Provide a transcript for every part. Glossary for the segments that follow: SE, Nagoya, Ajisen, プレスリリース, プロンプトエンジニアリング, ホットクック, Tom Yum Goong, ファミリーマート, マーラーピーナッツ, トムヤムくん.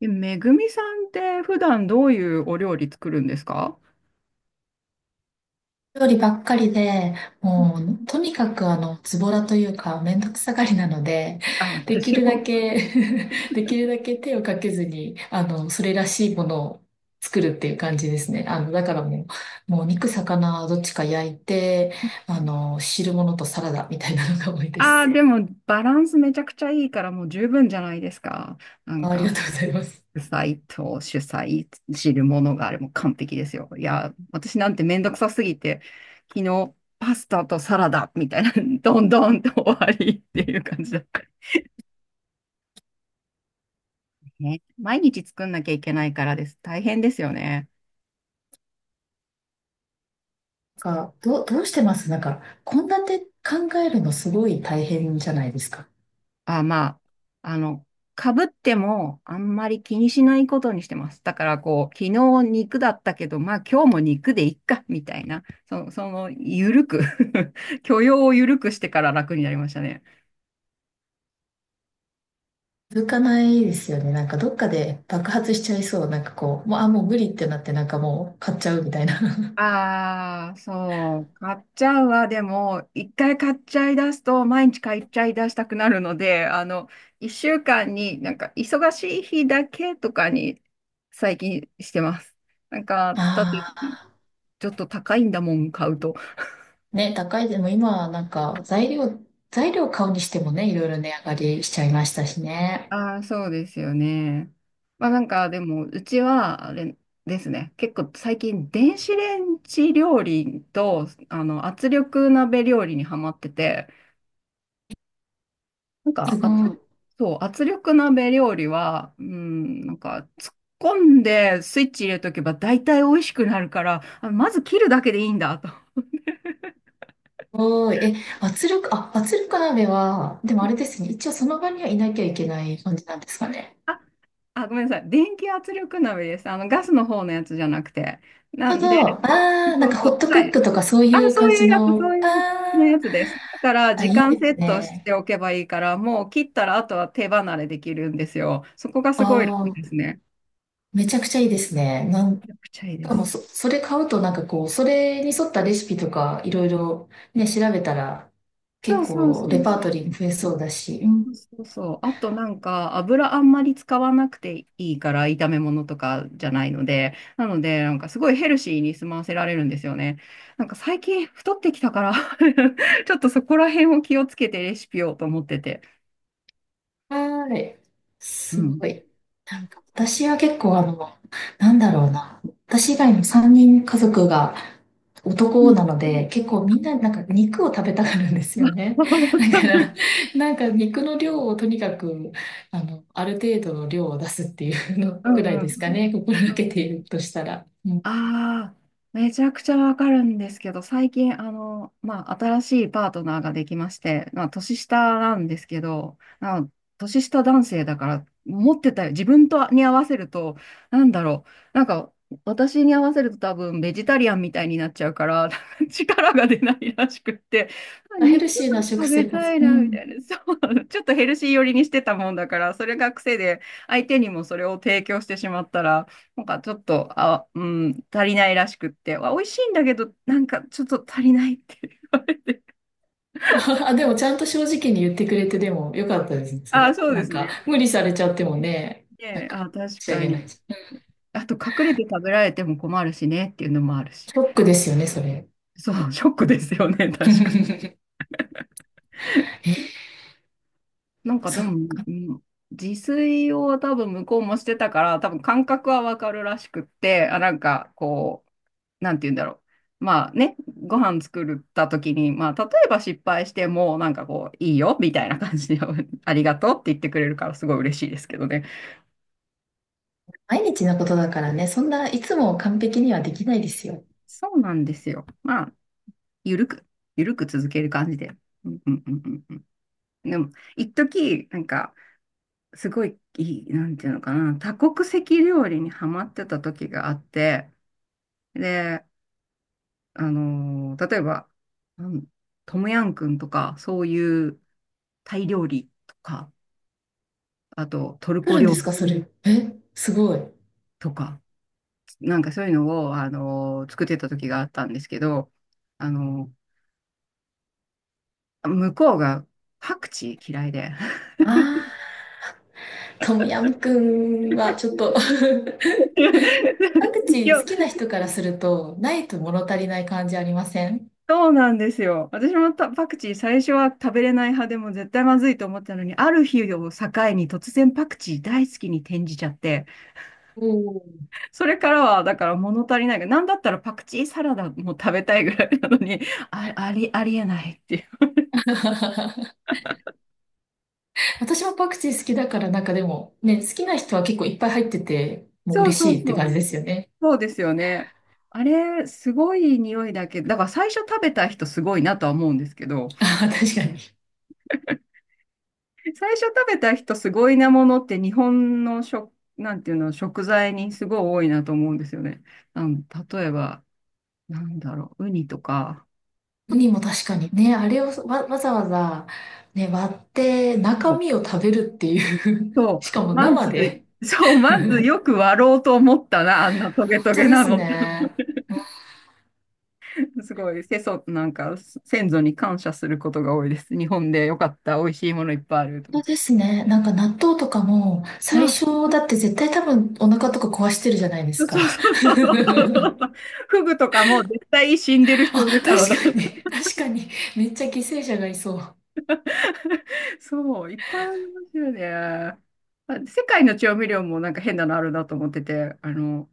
え、めぐみさんって普段どういうお料理作るんですか？料理ばっかりで、うもん。う、とにかく、ズボラというか、めんどくさがりなので、あ、でき私るだも。け できるだけ手をかけずに、それらしいものを作るっていう感じですね。あの、だからもう、もう肉、魚、どっちか焼いて、汁物とサラダみたいなのが多いでああー、す。でもバランスめちゃくちゃいいからもう十分じゃないですか。なんあ、ありか、がとうございます。主菜と主菜、汁物があれも完璧ですよ。いや、私なんてめんどくさすぎて、昨日パスタとサラダみたいな、どんどんと終わりっていう感じだった。ね、毎日作んなきゃいけないからです。大変ですよね。どうしてます献立考えるのすごい大変じゃないですか？あ、まあ、あの、かぶってもあんまり気にしないことにしてます。だからこう、昨日肉だったけど、まあ今日も肉でいっか、みたいな、その、ゆるく 許容をゆるくしてから楽になりましたね。続かないですよね。なんかどっかで爆発しちゃいそう。もう無理ってなって、なんかもう買っちゃうみたいな。ああ、そう、買っちゃうわ。でも、一回買っちゃい出すと、毎日買っちゃい出したくなるので、一週間になんか、忙しい日だけとかに、最近してます。なんか、だって、あちょっと高いんだもん、買うと。あ、ね、高い。でも今はなんか材料買うにしてもね、いろいろ値上がりしちゃいましたしね。ああ、そうですよね。まあなんかでも、うちはあれですね、結構最近電子レンジ料理と圧力鍋料理にハマってて、なんかすごい。そう、圧力鍋料理は、うん、なんか突っ込んでスイッチ入れとけば大体美味しくなるから、あ、まず切るだけでいいんだと。すごい。え、圧力鍋は、でもあれですね、一応その場にはいなきゃいけない感じなんですかね。あ、あ、ごめんなさい。電気圧力鍋です。あのガスの方のやつじゃなくて。ななるんで、ほど。ああ、なそんうかそホッう。トクはッい。クとかそうあ、いうそ感ういじうやつ、その、ういうねあやつです。だから、あ、あ、時いい間でセすットしね。ておけばいいから、もう切ったら、あとは手離れできるんですよ。そこがあすごい楽ですあ、ね。めちゃくちゃいいですね。なめんしちゃくちゃいいでかもす。そ、それ買うとなんかこう、それに沿ったレシピとかいろいろね、調べたらそ結うそうそ構レうパーそトう。リーも増えそうだし。うん、そうそうそう。あとなんか、油あんまり使わなくていいから、炒め物とかじゃないので、なんかすごいヘルシーに済ませられるんですよね。なんか最近太ってきたから ちょっとそこら辺を気をつけてレシピをと思ってて。はーい。うすん。ごい。う私は結構、なんだろうな。私以外の3人家族が男ん なので、結構みんななんか肉を食べたがるんです よね。わか だから、る。なんか肉の量をとにかく、ある程度の量を出すっていうのうくらいんうでんすかうん。ね。心うがけん。ているとしたら。ああ、めちゃくちゃわかるんですけど、最近、まあ、新しいパートナーができまして、まあ、年下なんですけど、年下男性だから、持ってたよ。自分とに合わせると、なんだろう。なんか、私に合わせると多分、ベジタリアンみたいになっちゃうから、力が出ないらしくって、あ、あ、ヘ肉ルがシーな食食べ生た活。いうな、みたん。いな。そう、ちょっとヘルシー寄りにしてたもんだから、それが癖で、相手にもそれを提供してしまったら、なんかちょっと、あ、うん、足りないらしくって、あ、美味しいんだけど、なんかちょっと足りないっていう。あ、でもちゃんと正直に言ってくれて、でもよかったですね、それあ、は。そうなでんすか、ね。無理されちゃってもね、なんで、か、あ、確仕上かげないに。し。うん。あと、隠れて食べられても困るしねっていうのもあるし。ショックですよね、それ。そう、ショックですよね、確かに。え、なんかでそも、う。うん、自炊を多分向こうもしてたから、多分感覚はわかるらしくって、あ、なんかこう、なんて言うんだろう。まあね、ご飯作った時に、まあ例えば失敗しても、なんかこう、いいよみたいな感じで、ありがとうって言ってくれるからすごい嬉しいですけどね。毎日のことだからね、そんないつも完璧にはできないですよ。そうなんですよ。まあ、ゆるく、ゆるく続ける感じで。うんうんうんうんうん。でも、一時なんか、すごい、いい、なんていうのかな、多国籍料理にハマってた時があって、で、例えば、うん、トムヤンくんとか、そういうタイ料理とか、あとトル来コるんで料す理か、それ？え、すごい。とか、なんかそういうのを、作ってた時があったんですけど、あの、向こうがパクチー嫌いで。ああ、トムヤムくんはちょっと パクチ いーや、好きな人からすると、ないと物足りない感じありません？そうなんですよ。私もたパクチー最初は食べれない派でも絶対まずいと思ってたのに、ある日を境に突然パクチー大好きに転じちゃって、おー それからはだから物足りないが、なんだったらパクチーサラダも食べたいぐらいなのに、あ、ありえないっていう。私もパクチー好きだから、なんかでも、ね、好きな人は結構いっぱい入ってて、もうそう嬉そうしいってそ感う。じですよね。そうですよね。あれ、すごい匂いだけど、だから最初食べた人すごいなとは思うんですけど、あー、確かに。最初食べた人すごいなものって日本の食、なんていうの、食材にすごい多いなと思うんですよね。あの、例えば、なんだろう、ウニとか。ウニも確かにね、あれをわ、わざわざ、ね、割ってそ中う、身を食べるっていう そ うしかもま生ず、で。そう、まずよ本く割ろうと思ったな、あんなトゲト当ゲでなすのって。ね。すごい、なんか、先祖に感謝することが多いです。日本でよかった、美味しいものいっぱいあると思本当って。ですね。なんか納豆とかも、最初だって絶対多分お腹とか壊してるじゃないでそすうそうか。そ うそうそうそうそう。フグとかも絶対死んでる人あ、いる確だろうな。確かに。めっちゃ犠牲者がいそう。そう、いっぱいありますよね。あ、世界の調味料もなんか変なのあるなと思ってて、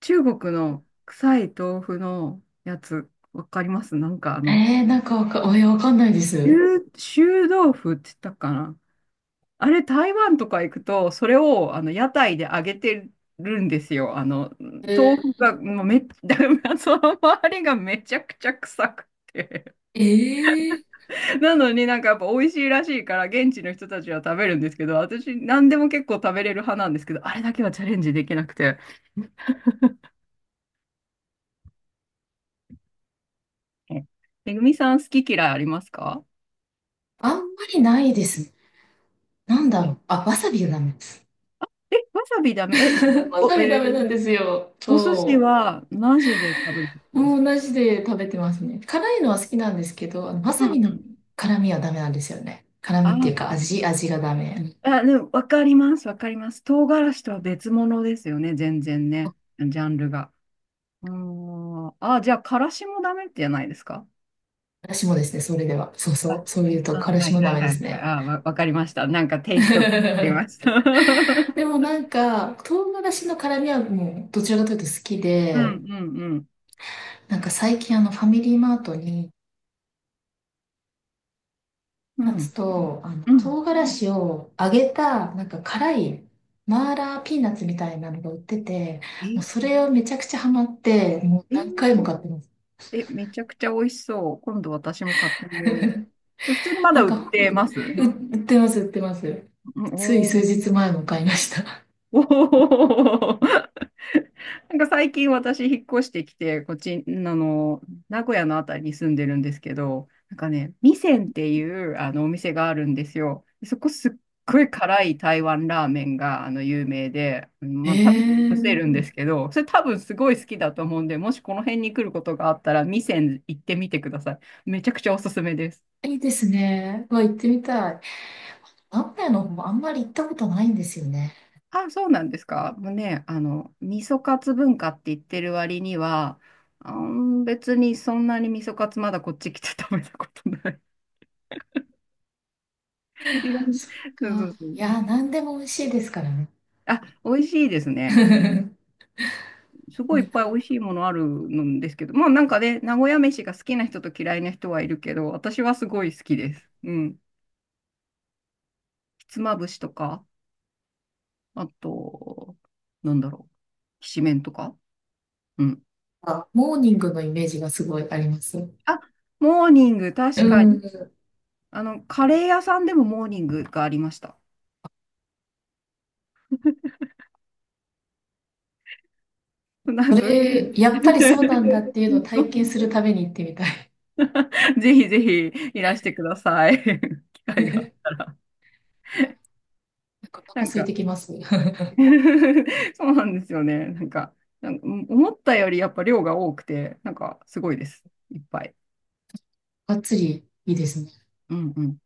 中国の臭い豆腐のやつ、わかります？なんかえー、なんかわか、えー、わかんないです。臭臭豆腐って言ったかな。あれ、台湾とか行くと、それをあの屋台で揚げてるんですよ。豆え腐が、もうその周りがめちゃくちゃ臭くて。ー、えー、なのになんかやっぱ美味しいらしいから現地の人たちは食べるんですけど、私何でも結構食べれる派なんですけど、あれだけはチャレンジできなくて。え、めぐみさん好き嫌いありますか？あんまりないです。あ、なんだろう。あ、わさびがダメです。え、わさびダメ？え、わお、さびダメなーんですよ。お寿司そはマジで食べるってこう。とでもすか？う同じで食べてますね。辛いのは好きなんですけど、あのわうさんびのうん。辛みはダメなんですよね。辛みっていうあ、か味、味がダメ。うん、あ、でもわかります、わかります。唐辛子とは別物ですよね、全然ね、ジャンルが。うーん。あ、じゃあ、からしもダメってじゃないですか？私もですね、それでは。そうそう。あ、そう言うと、あ、辛は子いもはダいメではいすはい。ね。あ、わかりました。なんかテイ ストがわかりました。で もなんか、唐辛子の辛みはもう、どちらかというと好きうんで、うんうん。なんか最近あのファミリーマートにうナッんツと、あの、うん。唐辛子を揚げた、なんか辛い、マーラーピーナッツみたいなのが売ってて、もうえ、それをめちゃくちゃハマって、もうえ、何回も買ってます。え、めちゃくちゃ美味しそう。今度私も買ってみよ う。え、普通にまなだん売っか、てうます？売ってます、売ってます。うん、つい数お、日前も買いました。おー。 なんか最近私引っ越してきて、こっち、名古屋のあたりに住んでるんですけど、なんかね、味仙っていうあのお店があるんですよ。そこすっごい辛い台湾ラーメンが有名で、えまあ、食べさせるんでー、すけど、それ多分すごい好きだと思うんで、もしこの辺に来ることがあったら、味仙行ってみてください。めちゃくちゃおすすめです。いいですね。うわ、行ってみたい。名古屋の方もあんまり行ったことないんですよね。あ、そうなんですか。もうね、味噌カツ文化って言ってる割には、あん、別にそんなに味噌カツまだこっち来て食べたことない。いろんなそっそうそか。うそう。いやー、何でも美味しいですからね。あ、美味しいですね。すごいないっんぱい美味しいものあるんですけど、まあなんかね、名古屋飯が好きな人と嫌いな人はいるけど、私はすごい好きです。うん。ひつまぶしとか、あと、なんだろう、きしめんとか。うん。かモーニングのイメージがすごいあります。あ、モーニング、う確かに。ん。カレー屋さんでもモーニングがありました。なんそどういうれ、やっぱりそうなんだっていうのをこ体と？ 験するために行ってみたい。ぜひぜひいらしてください。機会が。なんかおな腹ん空いか てきます。そうなんですよね。なんか思ったよりやっぱ量が多くて、なんかすごいです。いっぱい。がっつりいいですね。うんうん。